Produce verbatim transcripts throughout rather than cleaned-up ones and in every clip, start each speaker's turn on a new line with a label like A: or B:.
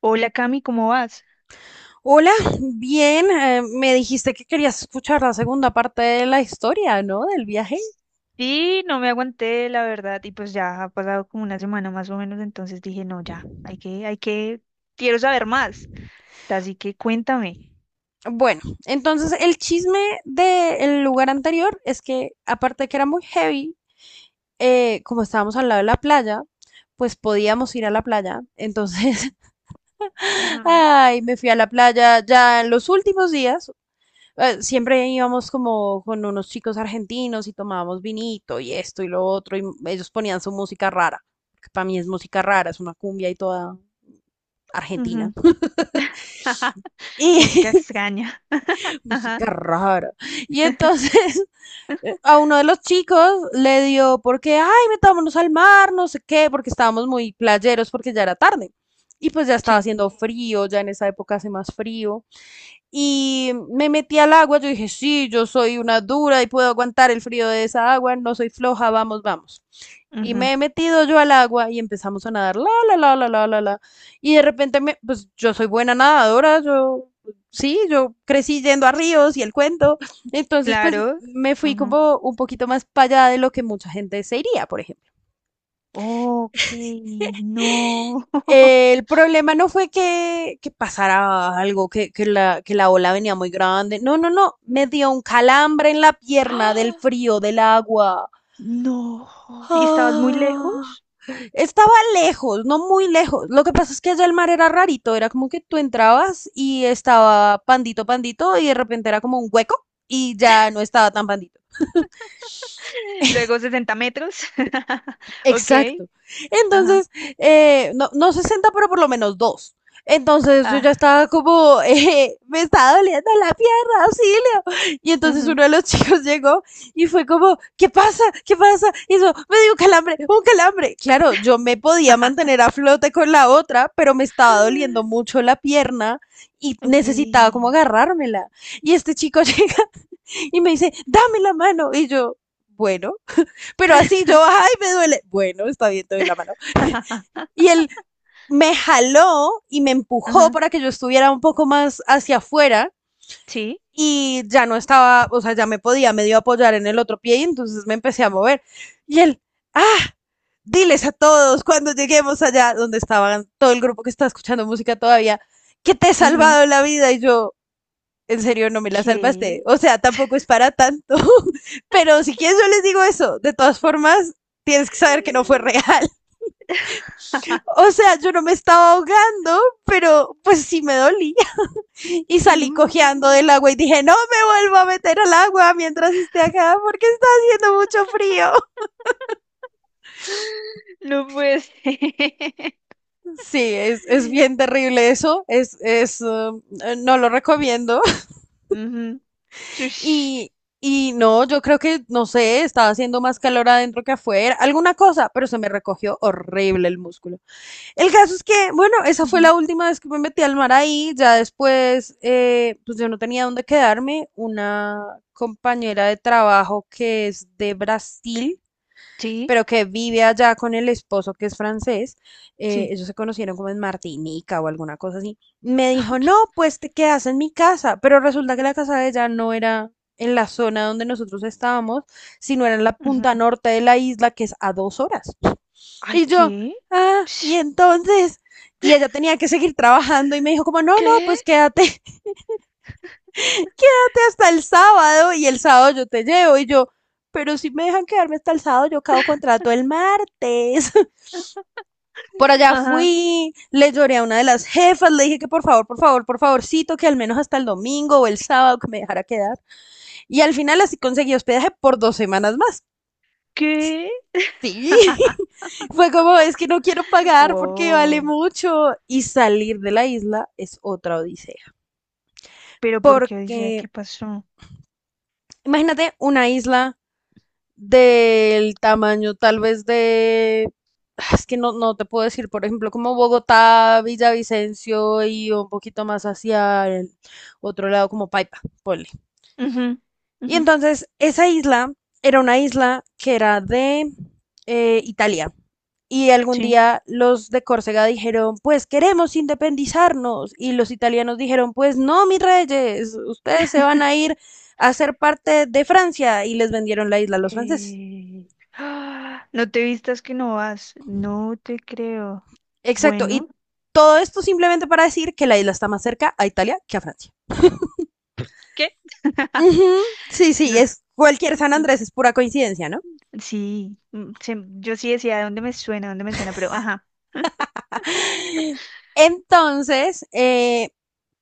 A: Hola Cami, ¿cómo vas?
B: Hola, bien, eh, me dijiste que querías escuchar la segunda parte de la historia, ¿no? Del viaje.
A: Sí, no me aguanté, la verdad, y pues ya ha pasado como una semana más o menos, entonces dije, no, ya, hay que, hay que, quiero saber más, así que cuéntame.
B: Bueno, entonces el chisme del lugar anterior es que, aparte de que era muy heavy, eh, como estábamos al lado de la playa, pues podíamos ir a la playa. Entonces,
A: Ajá.
B: ay, me fui a la playa ya en los últimos días. eh, Siempre íbamos como con unos chicos argentinos y tomábamos vinito y esto y lo otro, y ellos ponían su música rara, que para mí es música rara, es una cumbia y toda Argentina.
A: Ujú. Música
B: Y
A: extraña.
B: música
A: Ajá,
B: rara. Y entonces a uno de los chicos le dio porque, ay, metámonos al mar, no sé qué, porque estábamos muy playeros porque ya era tarde. Y pues ya estaba
A: sí.
B: haciendo frío, ya en esa época hace más frío. Y me metí al agua, yo dije, sí, yo soy una dura y puedo aguantar el frío de esa agua, no soy floja, vamos, vamos. Y
A: Ujú.
B: me he metido yo al agua y empezamos a nadar, la, la, la, la, la, la, la. Y de repente, me, pues yo soy buena nadadora, yo, sí, yo crecí yendo a ríos y el cuento. Entonces, pues
A: Claro.
B: me fui
A: Ujú.
B: como un poquito más para allá de lo que mucha gente se iría, por ejemplo.
A: Ok, no.
B: El problema no fue que, que pasara algo, que, que, la, que la ola venía muy grande. No, no, no. Me dio un calambre en la pierna del
A: ¡Ah!
B: frío, del agua.
A: No. ¿Y estabas muy
B: Ah.
A: lejos?
B: Estaba lejos, no muy lejos. Lo que pasa es que allá el mar era rarito, era como que tú entrabas y estaba pandito, pandito, y de repente era como un hueco y ya no estaba tan pandito.
A: Luego sesenta metros. Ok.
B: Exacto.
A: Ajá.
B: Entonces, eh, no, no sesenta, pero por lo menos dos. Entonces yo ya
A: Ah.
B: estaba como, eh, me estaba doliendo la pierna, auxilio. Y entonces uno
A: Ujú.
B: de los chicos llegó y fue como, ¿qué pasa? ¿Qué pasa? Y eso, me dio un calambre, un calambre. Claro, yo me podía mantener a flote con la otra, pero me estaba doliendo mucho la pierna y
A: Ok.
B: necesitaba como agarrármela. Y este chico llega y me dice, dame la mano. Y yo, bueno, pero así yo, ay, me duele. Bueno, está bien, te doy la mano. Y él me jaló y me empujó
A: Ajá.
B: para que yo estuviera un poco más hacia afuera
A: Sí.
B: y ya no estaba, o sea, ya me podía medio apoyar en el otro pie y entonces me empecé a mover. Y él, ah, diles a todos cuando lleguemos allá donde estaban todo el grupo que está escuchando música todavía, que te he
A: Ujú.
B: salvado la vida y yo, en serio, no me la salvaste.
A: ¿Qué?
B: O sea, tampoco es para tanto, pero si quieres yo les digo eso, de todas formas, tienes que saber que no fue real. O sea, yo no me estaba ahogando, pero pues sí me dolía. Y salí cojeando del
A: No,
B: agua y dije, no me vuelvo a meter al agua mientras esté acá porque está haciendo mucho frío.
A: no puede ser.
B: Sí, es, es bien terrible eso. Es, es, uh, no lo recomiendo.
A: Ujú. Tush.
B: Y, y no, yo creo que, no sé, estaba haciendo más calor adentro que afuera, alguna cosa, pero se me recogió horrible el músculo. El caso es que, bueno, esa fue
A: Ujú.
B: la última vez que me metí al mar ahí. Ya después, eh, pues yo no tenía dónde quedarme. Una compañera de trabajo que es de Brasil,
A: Sí,
B: pero que vive allá con el esposo que es francés. eh,
A: sí.
B: ellos se conocieron como en Martinica o alguna cosa así. Me dijo,
A: Ok.
B: no, pues te quedas en mi casa. Pero resulta que la casa de ella no era en la zona donde nosotros estábamos, sino era en la
A: Ujú.
B: punta norte de la isla, que es a dos horas.
A: Ay,
B: Y yo,
A: ¿qué?
B: ah, y
A: Sh,
B: entonces, y ella tenía que seguir trabajando y me dijo como, no, no,
A: ¿qué?
B: pues quédate hasta el sábado y el sábado yo te llevo y yo, pero si me dejan quedarme hasta el sábado, yo acabo contrato el martes. Por allá fui,
A: Ajá.
B: le lloré a una de las jefas, le dije que por favor, por favor, por favorcito, que al menos hasta el domingo o el sábado que me dejara quedar. Y al final así conseguí hospedaje por dos semanas más.
A: ¿Qué?
B: Sí. Fue como, es que no quiero pagar porque vale
A: Wow.
B: mucho. Y salir de la isla es otra odisea.
A: Pero ¿por qué dice
B: Porque,
A: qué pasó?
B: imagínate una isla del tamaño tal vez de... ah, es que no, no te puedo decir, por ejemplo, como Bogotá, Villavicencio y un poquito más hacia el otro lado como Paipa. Por
A: Ujú,
B: Y
A: ujú,
B: entonces esa isla era una isla que era de eh, Italia. Y algún
A: sí.
B: día los de Córcega dijeron, pues queremos independizarnos. Y los italianos dijeron, pues no, mis reyes, ustedes se van a ir a ser parte de Francia. Y les vendieron la isla a los franceses.
A: Eh, ¡ah! No te vistas que no vas. No te creo.
B: Exacto. Y
A: Bueno,
B: todo esto simplemente para decir que la isla está más cerca a Italia que a Francia.
A: ¿qué?
B: Ujú, Sí, sí,
A: No,
B: es cualquier San
A: ok,
B: Andrés, es pura coincidencia, ¿no?
A: sí. Mm, se- yo sí decía dónde me suena, dónde me suena, pero ajá.
B: Entonces, eh,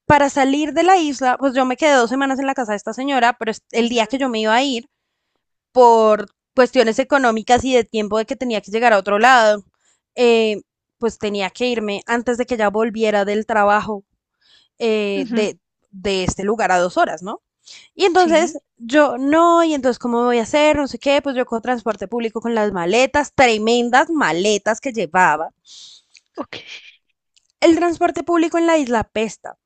B: para salir de la isla, pues yo me quedé dos semanas en la casa de esta señora, pero el día que
A: Ujú,
B: yo me iba a ir, por cuestiones económicas y de tiempo de que tenía que llegar a otro lado, eh, pues tenía que irme antes de que ella volviera del trabajo, eh,
A: ujú,
B: de, de este lugar a dos horas, ¿no? Y entonces
A: sí.
B: yo no, y entonces ¿cómo voy a hacer? No sé qué, pues yo con transporte público con las maletas, tremendas maletas que llevaba.
A: Ok.
B: El transporte público en la isla pesta.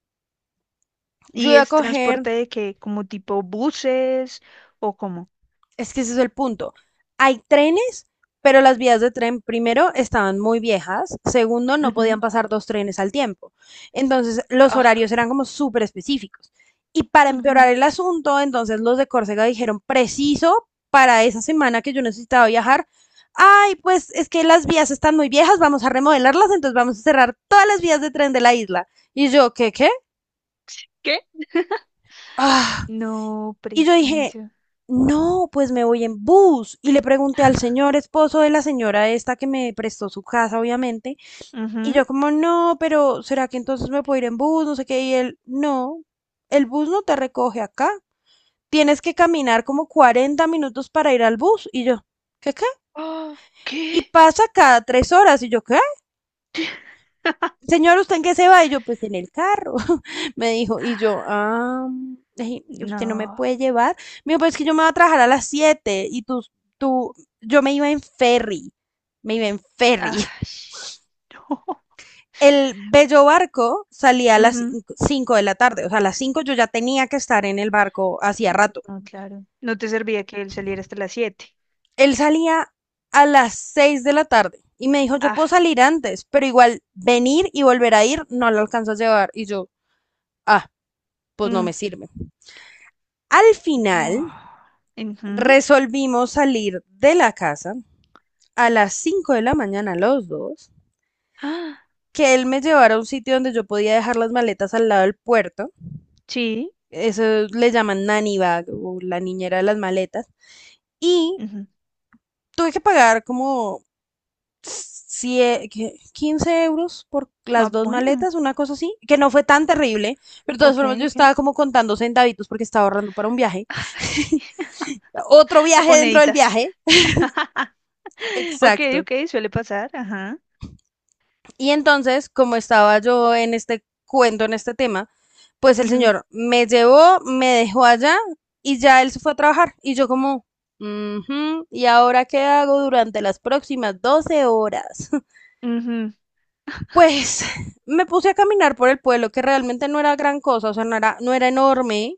B: Yo
A: ¿Y
B: iba a
A: es
B: coger.
A: transporte de qué? ¿Como tipo buses o cómo?
B: Es que ese es el punto. Hay trenes, pero las vías de tren, primero, estaban muy viejas. Segundo, no podían
A: Ujú.
B: pasar dos trenes al tiempo. Entonces, los
A: Ah,
B: horarios eran como súper específicos. Y para
A: ujú,
B: empeorar el asunto, entonces los de Córcega dijeron, preciso para esa semana que yo necesitaba viajar, ay, pues es que las vías están muy viejas, vamos a remodelarlas, entonces vamos a cerrar todas las vías de tren de la isla. Y yo, ¿qué, qué?
A: ¿qué?
B: Ah,
A: No
B: y yo dije,
A: preciso.
B: no, pues me voy en bus. Y le pregunté al señor esposo de la señora esta que me prestó su casa, obviamente. Y
A: Ujú.
B: yo como, no, pero ¿será que entonces me puedo ir en bus? No sé qué. Y él, no, el bus no te recoge acá. Tienes que caminar como cuarenta minutos para ir al bus. Y yo, ¿qué qué?
A: Ah,
B: Y
A: ¿qué?
B: pasa cada tres horas. Y yo, ¿qué? Señor, ¿usted en qué se va? Y yo, pues en el carro, me dijo. Y yo,
A: Ah,
B: ah, ay, usted no me
A: no.
B: puede llevar. Me dijo, pues es que yo me voy a trabajar a las siete y tú, tú, yo me iba en ferry, me iba en
A: Ah,
B: ferry.
A: sh-
B: El bello barco salía a las
A: no.
B: cinco de la tarde, o sea, a las cinco yo ya tenía que estar en el barco hacía rato.
A: No, claro. No te servía que él saliera hasta las siete.
B: Él salía a las seis de la tarde y me dijo, yo
A: Ah,
B: puedo salir antes, pero igual venir y volver a ir no lo alcanzo a llevar. Y yo, ah, pues no
A: mm,
B: me sirve. Al
A: no.
B: final
A: Ujú.
B: resolvimos salir de la casa a las cinco de la mañana los dos,
A: Ah,
B: que él me llevara a un sitio donde yo podía dejar las maletas al lado del puerto,
A: sí.
B: eso le llaman nanny bag o la niñera de las maletas, y
A: Ujú.
B: tuve que pagar como sie- quince euros por las
A: Ah,
B: dos
A: bueno.
B: maletas, una cosa así, que no fue tan terrible, pero de todas
A: Ok,
B: formas yo
A: ok.
B: estaba como contando centavitos porque estaba ahorrando para un viaje,
A: Ay,
B: otro viaje dentro del
A: Poneditas.
B: viaje,
A: Ok,
B: exacto.
A: ok, suele pasar. Ajá.
B: Y entonces, como estaba yo en este cuento, en este tema, pues el
A: Ujú,
B: señor me llevó, me dejó allá y ya él se fue a trabajar. Y yo como, "Ujú, ¿y ahora qué hago durante las próximas doce horas?
A: ujú,
B: Pues me puse a caminar por el pueblo, que realmente no era gran cosa, o sea, no era, no era enorme,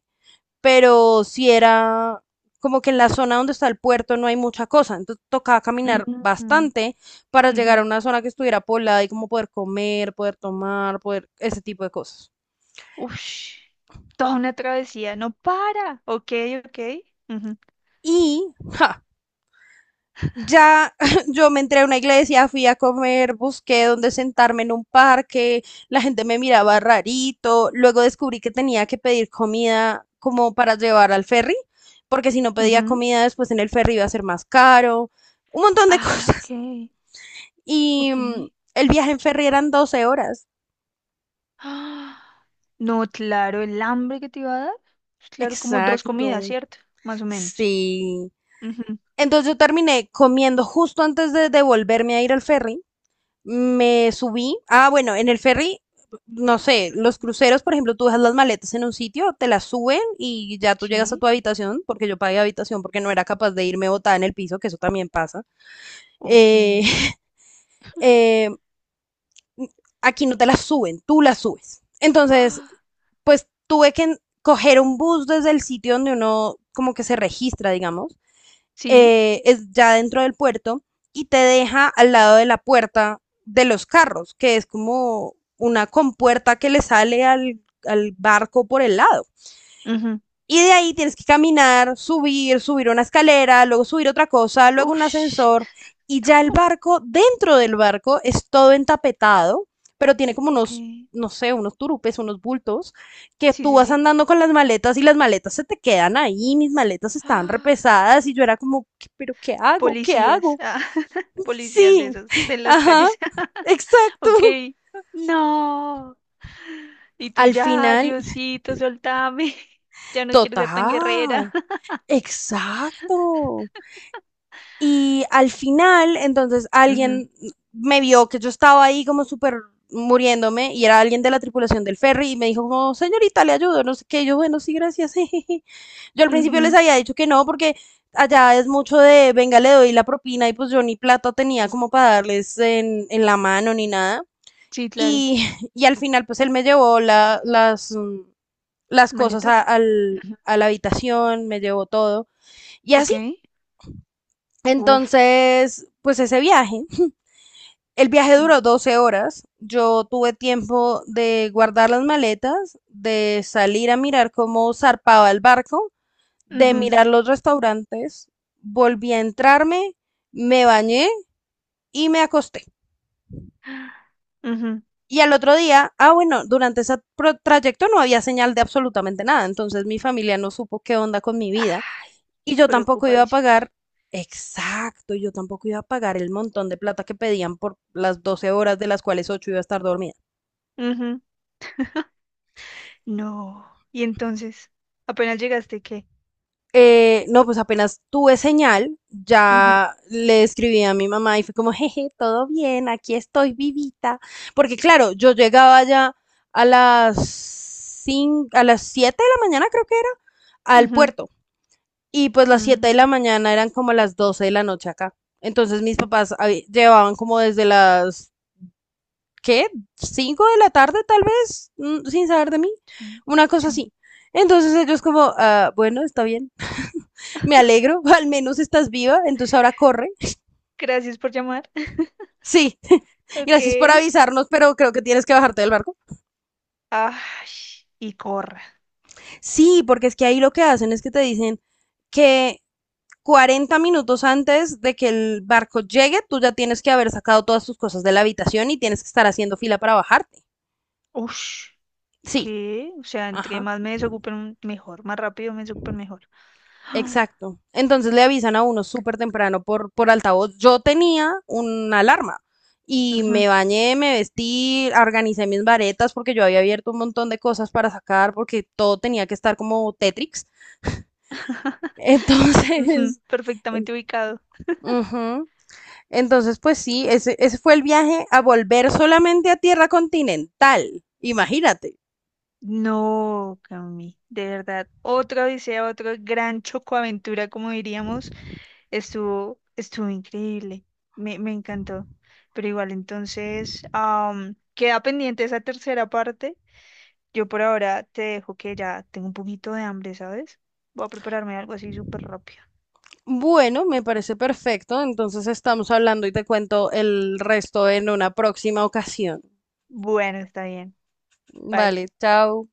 B: pero si era como que en la zona donde está el puerto no hay mucha cosa, entonces tocaba caminar
A: ujú,
B: bastante para
A: ujú.
B: llegar a una zona que estuviera poblada y como poder comer, poder tomar, poder ese tipo de cosas.
A: Ush, toda una travesía. No para. Ok, ok. Ujú,
B: Y ja, ya yo me entré a una iglesia, fui a comer, busqué dónde sentarme en un parque, la gente me miraba rarito, luego descubrí que tenía que pedir comida como para llevar al ferry, porque si no pedía
A: ujú.
B: comida después en el ferry iba a ser más caro, un montón de
A: Ah, ok,
B: cosas. Y
A: ok.
B: mm, el viaje en ferry eran doce horas.
A: No, claro, el hambre que te iba a dar. Pues, claro, como dos comidas,
B: Exacto.
A: ¿cierto? Más o menos.
B: Sí.
A: Ujú.
B: Entonces yo terminé comiendo justo antes de, de volverme a ir al ferry. Me subí. Ah, bueno, en el ferry, no sé, los cruceros, por ejemplo, tú dejas las maletas en un sitio, te las suben y ya tú llegas a
A: Sí,
B: tu habitación, porque yo pagué habitación porque no era capaz de irme botada en el piso, que eso también pasa.
A: ok.
B: Eh, eh, aquí no te las suben, tú las subes. Entonces,
A: Ah,
B: pues tuve que coger un bus desde el sitio donde uno como que se registra, digamos,
A: sí.
B: eh, es ya dentro del puerto y te deja al lado de la puerta de los carros, que es como una compuerta que le sale al, al barco por el lado.
A: Ujú.
B: Y de ahí tienes que caminar, subir, subir una escalera, luego subir otra cosa, luego un
A: Ush,
B: ascensor. Y ya el
A: no,
B: barco, dentro del barco, es todo entapetado, pero tiene como
A: ok.
B: unos,
A: Sí,
B: no sé, unos turupes, unos bultos, que tú
A: sí,
B: vas
A: sí.
B: andando con las maletas y las maletas se te quedan ahí, mis maletas estaban
A: Ah,
B: repesadas y yo era como, pero ¿qué hago? ¿Qué
A: policías,
B: hago?
A: ah, policías de
B: Sí,
A: esos de las
B: ajá,
A: calles.
B: exacto.
A: Ok. No. Y tú
B: Al
A: ya,
B: final,
A: Diosito, soltame. Ya no quiero ser tan guerrera.
B: total, exacto. Y al final, entonces
A: Ujú,
B: alguien me vio que yo estaba ahí como súper muriéndome y era alguien de la tripulación del ferry y me dijo como, señorita, le ayudo, no sé qué, yo, bueno, sí, gracias. Yo al principio les
A: ujú.
B: había dicho que no porque allá es mucho de, venga, le doy la propina y pues yo ni plata tenía como para darles en, en la mano ni nada.
A: Sí, claro.
B: Y y al final pues él me llevó la, las, mm, las cosas a,
A: Maletas.
B: al,
A: Ujú.
B: a la habitación, me llevó todo y
A: Ok.
B: así.
A: Uf,
B: Entonces, pues ese viaje, el viaje
A: sí.
B: duró doce horas. Yo tuve tiempo de guardar las maletas, de salir a mirar cómo zarpaba el barco, de
A: Ujú,
B: mirar los restaurantes. Volví a entrarme, me bañé y me acosté.
A: ujú.
B: Y al otro día, ah, bueno, durante ese pro- trayecto no había señal de absolutamente nada, entonces mi familia no supo qué onda con mi vida
A: Ah,
B: y yo tampoco iba a pagar,
A: preocupadísimos.
B: exacto, yo tampoco iba a pagar el montón de plata que pedían por las doce horas de las cuales ocho iba a estar dormida.
A: Ujú. No. Y entonces, apenas llegaste, ¿qué?
B: Eh, no, pues apenas tuve señal,
A: Ujú,
B: ya le escribí a mi mamá y fue como, jeje, todo bien, aquí estoy vivita. Porque claro, yo llegaba ya a las cin- a las siete de la mañana, creo que era, al
A: ujú,
B: puerto. Y pues las siete de la
A: mm,
B: mañana eran como las doce de la noche acá. Entonces mis papás habi- llevaban como desde las, ¿qué? Cinco de la tarde tal vez, mm, sin saber de mí,
A: sí,
B: una cosa
A: sí.
B: así. Entonces ellos como, "Ah, bueno, está bien, me alegro, al menos estás viva, entonces ahora corre.
A: Gracias por llamar.
B: Sí,
A: Ok.
B: gracias por avisarnos, pero creo que tienes que bajarte del barco.
A: Ay, y corra.
B: Sí, porque es que ahí lo que hacen es que te dicen que cuarenta minutos antes de que el barco llegue, tú ya tienes que haber sacado todas tus cosas de la habitación y tienes que estar haciendo fila para bajarte.
A: Ush.
B: Sí,
A: ¿Qué? O sea, entre
B: ajá.
A: más me desocupen, mejor. Más rápido me desocupen, mejor. Ah,
B: Exacto. Entonces le avisan a uno súper temprano por por altavoz. Yo tenía una alarma y
A: ujú,
B: me bañé, me vestí, organicé mis varetas porque yo había abierto un montón de cosas para sacar porque todo tenía que estar como Tetrix.
A: ujú,
B: Entonces, en-
A: perfectamente ubicado.
B: ujú. Entonces pues sí, ese, ese fue el viaje a volver solamente a tierra continental. Imagínate.
A: No, Cami, de verdad. Otra odisea, otra gran chocoaventura, como diríamos, estuvo, estuvo increíble. Me, me encantó. Pero igual, entonces, am, queda pendiente esa tercera parte. Yo por ahora te dejo que ya tengo un poquito de hambre, ¿sabes? Voy a prepararme algo así súper rápido.
B: Bueno, me parece perfecto. Entonces estamos hablando y te cuento el resto en una próxima ocasión.
A: Bueno, está bien. Bye.
B: Vale, chao.